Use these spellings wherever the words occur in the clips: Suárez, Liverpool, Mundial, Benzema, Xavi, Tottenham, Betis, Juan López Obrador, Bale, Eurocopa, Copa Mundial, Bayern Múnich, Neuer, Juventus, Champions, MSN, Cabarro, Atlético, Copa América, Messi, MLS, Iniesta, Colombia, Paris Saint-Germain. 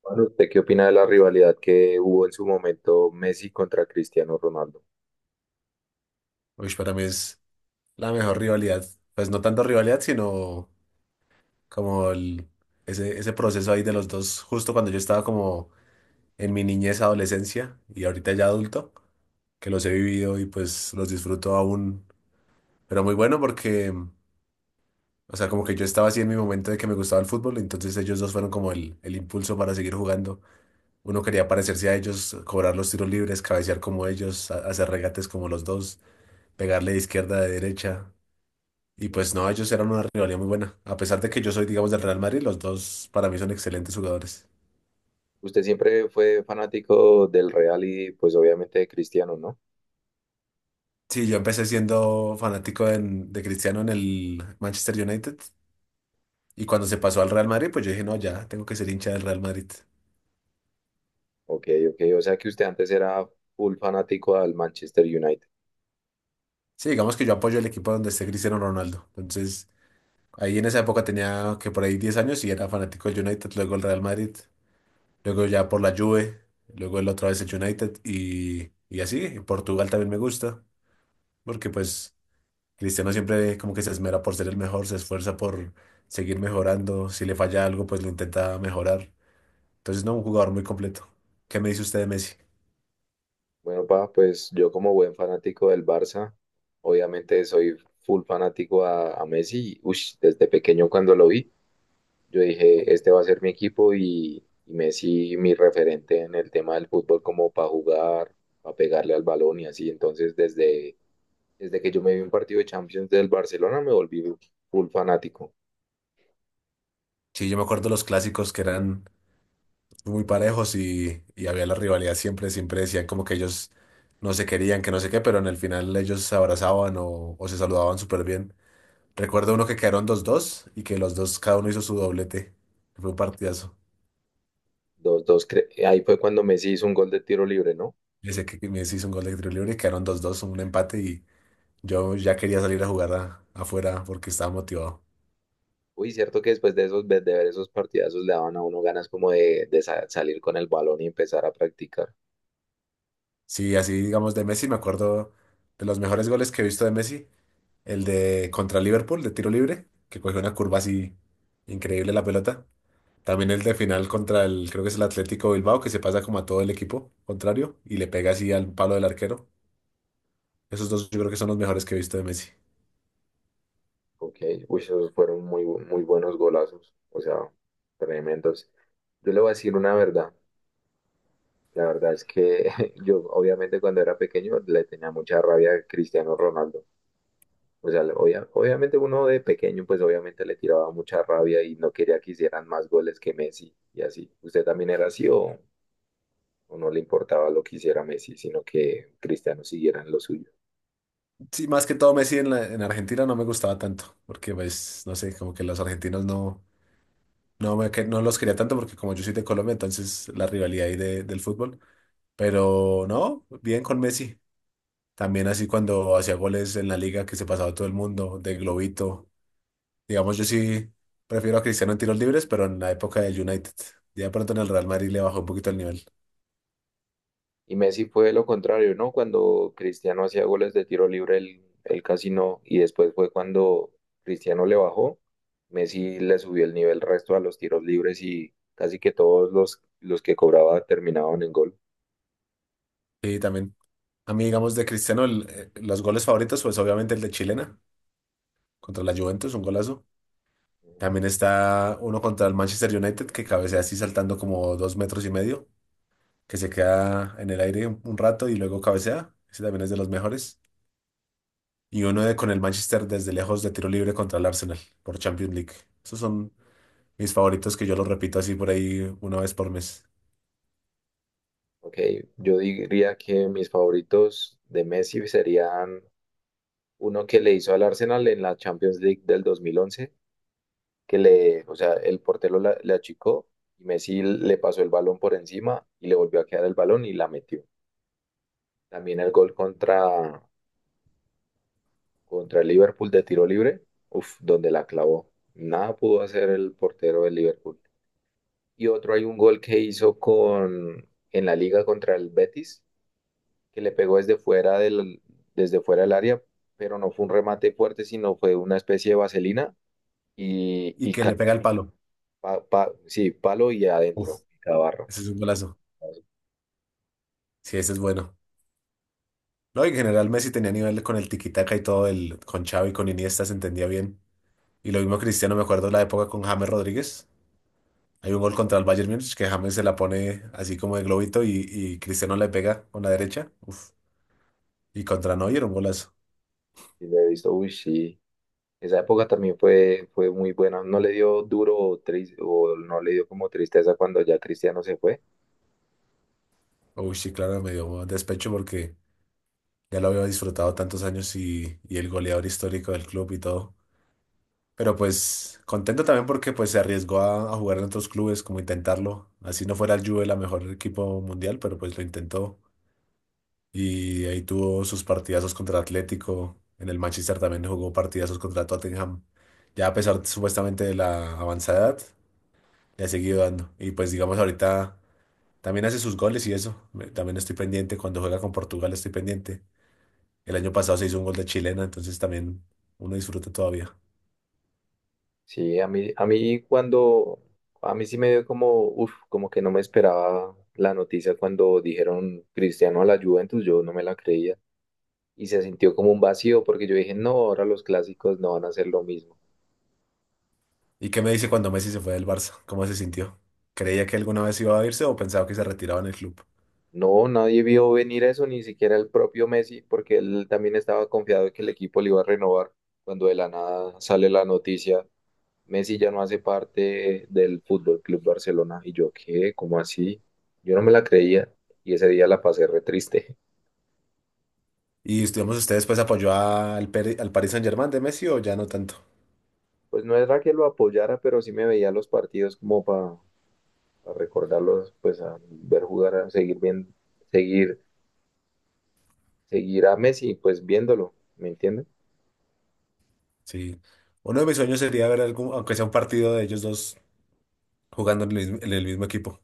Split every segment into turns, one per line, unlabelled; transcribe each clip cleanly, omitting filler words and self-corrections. Bueno, ¿usted qué opina de la rivalidad que hubo en su momento Messi contra Cristiano Ronaldo?
Uy, para mí es la mejor rivalidad. Pues no tanto rivalidad, sino como ese proceso ahí de los dos, justo cuando yo estaba como en mi niñez, adolescencia y ahorita ya adulto, que los he vivido y pues los disfruto aún. Pero muy bueno porque, o sea, como que yo estaba así en mi momento de que me gustaba el fútbol, entonces ellos dos fueron como el impulso para seguir jugando. Uno quería parecerse a ellos, cobrar los tiros libres, cabecear como ellos, hacer regates como los dos, pegarle de izquierda, de derecha. Y pues no, ellos eran una rivalidad muy buena. A pesar de que yo soy, digamos, del Real Madrid, los dos para mí son excelentes jugadores.
Usted siempre fue fanático del Real y pues obviamente de Cristiano, ¿no?
Sí, yo empecé siendo fanático de Cristiano en el Manchester United. Y cuando se pasó al Real Madrid, pues yo dije, no, ya, tengo que ser hincha del Real Madrid.
Ok, ok, o sea que usted antes era full fanático al Manchester United.
Sí, digamos que yo apoyo el equipo donde esté Cristiano Ronaldo. Entonces, ahí en esa época tenía que por ahí 10 años y era fanático del United, luego el Real Madrid, luego ya por la Juve, luego el otra vez el United y así. En Portugal también me gusta, porque pues... Cristiano siempre como que se esmera por ser el mejor, se esfuerza por seguir mejorando. Si le falla algo, pues lo intenta mejorar. Entonces, no, un jugador muy completo. ¿Qué me dice usted de Messi?
Bueno, pues yo como buen fanático del Barça, obviamente soy full fanático a Messi, ush, desde pequeño cuando lo vi. Yo dije, este va a ser mi equipo y Messi mi referente en el tema del fútbol como para jugar, para pegarle al balón y así. Entonces, desde que yo me vi un partido de Champions del Barcelona, me volví full fanático.
Sí, yo me acuerdo los clásicos que eran muy parejos y había la rivalidad siempre, siempre decían como que ellos no se querían, que no sé qué, pero en el final ellos se abrazaban o se saludaban súper bien. Recuerdo uno que quedaron 2-2 y que los dos, cada uno hizo su doblete. Fue un partidazo.
Dos, dos, ahí fue cuando Messi hizo un gol de tiro libre, ¿no?
Yo sé que Messi hizo un gol de tiro libre y quedaron 2-2, un empate y yo ya quería salir a jugar afuera porque estaba motivado.
Uy, cierto que después de esos, de ver esos partidazos le daban a uno ganas como de, salir con el balón y empezar a practicar.
Sí, así digamos de Messi, me acuerdo de los mejores goles que he visto de Messi, el de contra Liverpool de tiro libre, que cogió una curva así increíble la pelota. También el de final contra el, creo que es el Atlético Bilbao, que se pasa como a todo el equipo contrario y le pega así al palo del arquero. Esos dos yo creo que son los mejores que he visto de Messi.
Ok, uy, esos fueron muy buenos golazos, o sea, tremendos. Yo le voy a decir una verdad. La verdad es que yo, obviamente, cuando era pequeño le tenía mucha rabia a Cristiano Ronaldo. O sea, obviamente uno de pequeño, pues obviamente le tiraba mucha rabia y no quería que hicieran más goles que Messi y así. ¿Usted también era así o no le importaba lo que hiciera Messi, sino que Cristiano siguiera en lo suyo?
Sí, más que todo Messi en Argentina no me gustaba tanto, porque pues, no sé, como que los argentinos no... No, no los quería tanto porque como yo soy de Colombia, entonces la rivalidad ahí del fútbol. Pero no, bien con Messi. También así cuando hacía goles en la liga que se pasaba todo el mundo, de globito. Digamos, yo sí prefiero a Cristiano en tiros libres, pero en la época del United. Ya de pronto en el Real Madrid le bajó un poquito el nivel.
Y Messi fue lo contrario, ¿no? Cuando Cristiano hacía goles de tiro libre, él casi no. Y después fue cuando Cristiano le bajó, Messi le subió el nivel resto a los tiros libres y casi que todos los que cobraba terminaban en gol.
Sí también, a mí digamos de Cristiano, los goles favoritos, pues obviamente el de chilena contra la Juventus, un golazo.
Ujú.
También está uno contra el Manchester United que cabecea así saltando como 2,5 metros, que se queda en el aire un rato y luego cabecea. Ese también es de los mejores. Y uno de con el Manchester desde lejos de tiro libre contra el Arsenal por Champions League. Esos son mis favoritos que yo los repito así por ahí una vez por mes.
Ok, yo diría que mis favoritos de Messi serían uno que le hizo al Arsenal en la Champions League del 2011, o sea, el portero le achicó y Messi le pasó el balón por encima y le volvió a quedar el balón y la metió. También el gol contra el Liverpool de tiro libre, uf, donde la clavó. Nada pudo hacer el portero del Liverpool. Y otro hay un gol que hizo con, en la liga contra el Betis, que le pegó desde fuera del área, pero no fue un remate fuerte, sino fue una especie de vaselina y,
Y que le pega el palo.
sí, palo y
Uf,
adentro, y Cabarro.
ese es un golazo. Sí, ese es bueno. No, y en general Messi tenía nivel con el tiki-taka y todo, el, con Xavi, con Iniesta se entendía bien. Y lo mismo Cristiano, me acuerdo la época con James Rodríguez. Hay un gol contra el Bayern Múnich que James se la pone así como de globito y Cristiano le pega con la derecha. Uf. Y contra Neuer era un golazo.
Y lo he visto, uy, sí, esa época también fue muy buena. No le dio duro o, o no le dio como tristeza cuando ya Cristiano se fue.
Uy, sí, claro, me dio despecho porque ya lo había disfrutado tantos años y el goleador histórico del club y todo. Pero pues contento también porque pues se arriesgó a jugar en otros clubes, como intentarlo. Así no fuera el Juve la mejor equipo mundial, pero pues lo intentó. Y ahí tuvo sus partidazos contra Atlético. En el Manchester también jugó partidazos contra Tottenham. Ya a pesar supuestamente de la avanzada edad, le ha seguido dando. Y pues digamos ahorita también hace sus goles y eso. También estoy pendiente. Cuando juega con Portugal estoy pendiente. El año pasado se hizo un gol de chilena, entonces también uno disfruta todavía.
Sí, a mí cuando, a mí sí me dio como, uff, como que no me esperaba la noticia cuando dijeron Cristiano a la Juventus, yo no me la creía. Y se sintió como un vacío porque yo dije, no, ahora los clásicos no van a ser lo mismo.
¿Y qué me dice cuando Messi se fue del Barça? ¿Cómo se sintió? ¿Creía que alguna vez iba a irse o pensaba que se retiraba en el club?
No, nadie vio venir eso, ni siquiera el propio Messi, porque él también estaba confiado de que el equipo le iba a renovar cuando de la nada sale la noticia. Messi ya no hace parte del Fútbol Club Barcelona. Y yo, ¿qué? ¿Cómo así? Yo no me la creía y ese día la pasé re triste.
Y estuvimos ustedes, pues apoyó al, al Paris Saint-Germain de Messi o ya no tanto.
Pues no era que lo apoyara, pero sí me veía los partidos como para recordarlos, pues a ver jugar, a seguir viendo, seguir, seguir a Messi, pues viéndolo, ¿me entiendes?
Sí. Uno de mis sueños sería ver algún, aunque sea un partido de ellos dos jugando en el mismo equipo.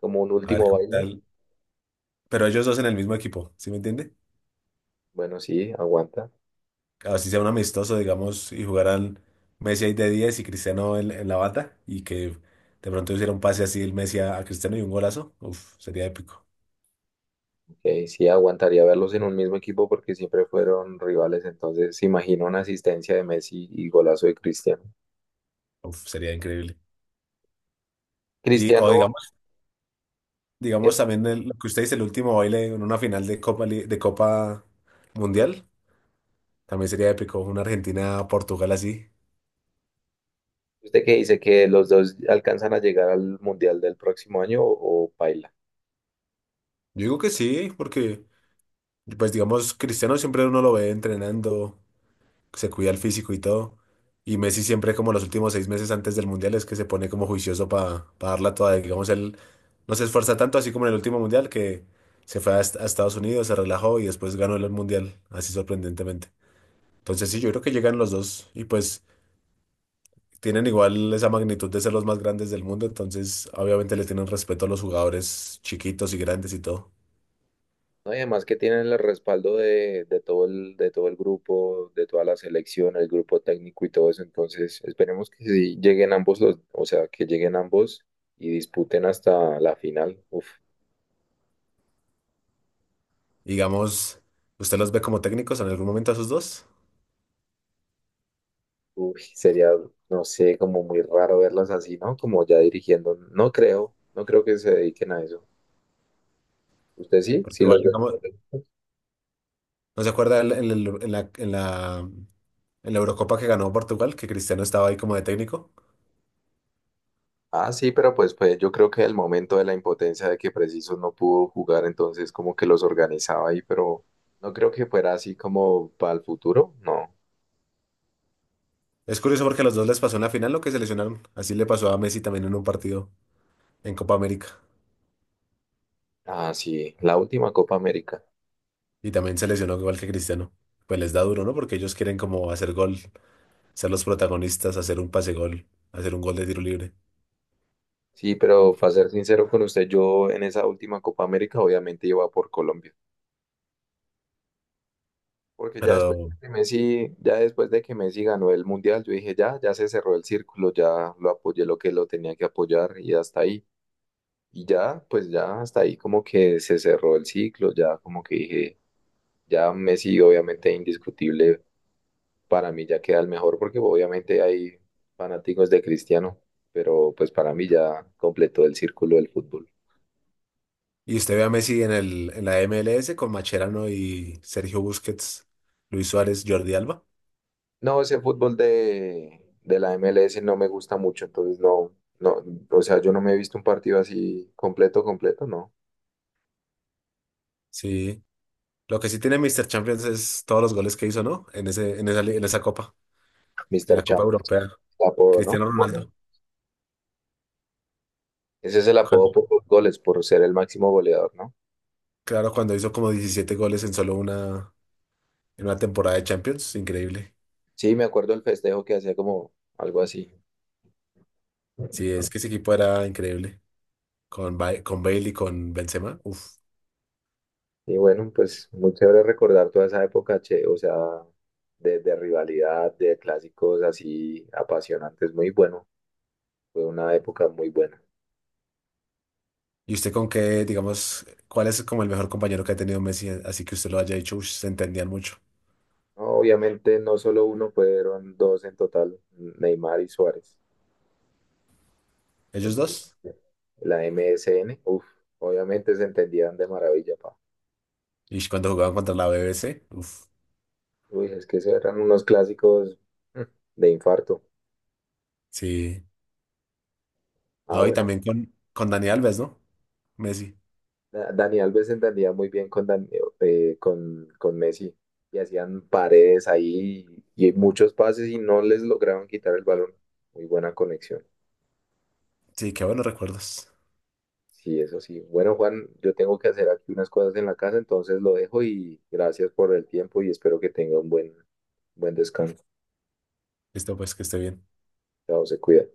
Como un
A ver
último
qué
baile.
tal. Pero ellos dos en el mismo equipo, ¿sí me entiende?
Bueno, sí, aguanta.
Así sea un amistoso, digamos, y jugaran Messi ahí de 10 y Cristiano en la bata, y que de pronto hiciera un pase así el Messi a Cristiano y un golazo, uf, sería épico,
Ok, sí, aguantaría verlos en un mismo equipo porque siempre fueron rivales. Entonces, se imagina una asistencia de Messi y golazo de Cristiano.
uf, sería increíble. Y, o
Cristiano,
digamos,
que
digamos también lo que usted dice, el último baile en una final de Copa, de Copa Mundial, también sería épico, una Argentina-Portugal así.
¿Usted qué dice? ¿Que los dos alcanzan a llegar al Mundial del próximo año o paila?
Yo digo que sí, porque, pues digamos, Cristiano siempre uno lo ve entrenando, se cuida el físico y todo. Y Messi siempre como los últimos 6 meses antes del Mundial es que se pone como juicioso para darla toda. Digamos, él no se esfuerza tanto, así como en el último Mundial, que se fue a, a Estados Unidos, se relajó y después ganó el Mundial, así sorprendentemente. Entonces sí, yo creo que llegan los dos y pues tienen igual esa magnitud de ser los más grandes del mundo, entonces obviamente le tienen respeto a los jugadores chiquitos y grandes y todo.
No, y además que tienen el respaldo de todo el grupo, de toda la selección, el grupo técnico y todo eso. Entonces, esperemos que sí lleguen ambos o sea, que lleguen ambos y disputen hasta la final. Uf,
Digamos, ¿usted los ve como técnicos en algún momento a esos dos?
uy, sería, no sé, como muy raro verlos así, ¿no? Como ya dirigiendo. No creo, no creo que se dediquen a eso. ¿Usted sí?
Porque
Sí
igual,
los ve.
digamos, ¿no se acuerda en, la, en el- en la, en la- en la Eurocopa que ganó Portugal, que Cristiano estaba ahí como de técnico?
Ah, sí, pero pues, pues yo creo que el momento de la impotencia de que Preciso no pudo jugar, entonces como que los organizaba ahí, pero no creo que fuera así como para el futuro, no.
Es curioso porque a los dos les pasó en la final lo que se lesionaron. Así le pasó a Messi también en un partido en Copa América.
Ah, sí, la última Copa América.
Y también se lesionó igual que Cristiano. Pues les da duro, ¿no? Porque ellos quieren como hacer gol, ser los protagonistas, hacer un pase gol, hacer un gol de tiro libre.
Sí, pero para ser sincero con usted, yo en esa última Copa América obviamente iba por Colombia, porque ya después de
Pero...
que Messi, ya después de que Messi ganó el Mundial, yo dije, ya, ya se cerró el círculo, ya lo apoyé lo que lo tenía que apoyar y hasta ahí. Y ya, pues ya hasta ahí como que se cerró el ciclo, ya como que dije ya Messi, obviamente, indiscutible para mí, ya queda el mejor, porque obviamente hay fanáticos de Cristiano, pero pues para mí ya completó el círculo del fútbol.
Y usted ve a Messi en el, en la MLS con Macherano y Sergio Busquets, Luis Suárez, Jordi Alba.
No, ese fútbol de la MLS no me gusta mucho, entonces no, no, o sea, yo no me he visto un partido así completo, completo, no.
Sí. Lo que sí tiene Mr. Champions es todos los goles que hizo, ¿no? En ese, en esa, en esa copa, en
Mister
la Copa
Champ, el
Europea.
apodo, ¿no?
Cristiano
Bueno,
Ronaldo.
ese es el apodo
Cuando,
por los goles, por ser el máximo goleador, ¿no?
claro, cuando hizo como 17 goles en solo una, en una temporada de Champions, increíble.
Sí, me acuerdo el festejo que hacía como algo así.
Sí, es que ese equipo era increíble. Con, con Bale y con Benzema, uf.
Y bueno, pues muy chévere recordar toda esa época, che, o sea, de rivalidad, de clásicos así apasionantes, muy bueno. Fue una época muy buena.
¿Y usted con qué, digamos, cuál es como el mejor compañero que ha tenido Messi? Así que usted lo haya dicho, uff, se entendían mucho.
No, obviamente no solo uno, fueron dos en total, Neymar y Suárez.
Ellos
El-
dos.
la MSN uff, obviamente se entendían de maravilla, pa.
Y cuando jugaban contra la BBC, uf,
Uy, es que esos eran unos clásicos mm, de infarto.
sí.
Ah,
No, y
bueno,
también con Dani Alves, ¿no? Messi.
Dani Alves se entendía muy bien con Messi y hacían paredes ahí y muchos pases y no les lograban quitar el balón. Muy buena conexión.
Sí, qué buenos recuerdos.
Sí, eso sí. Bueno, Juan, yo tengo que hacer aquí unas cosas en la casa, entonces lo dejo y gracias por el tiempo y espero que tenga un buen descanso.
Listo, pues que esté bien.
Chao, se cuida.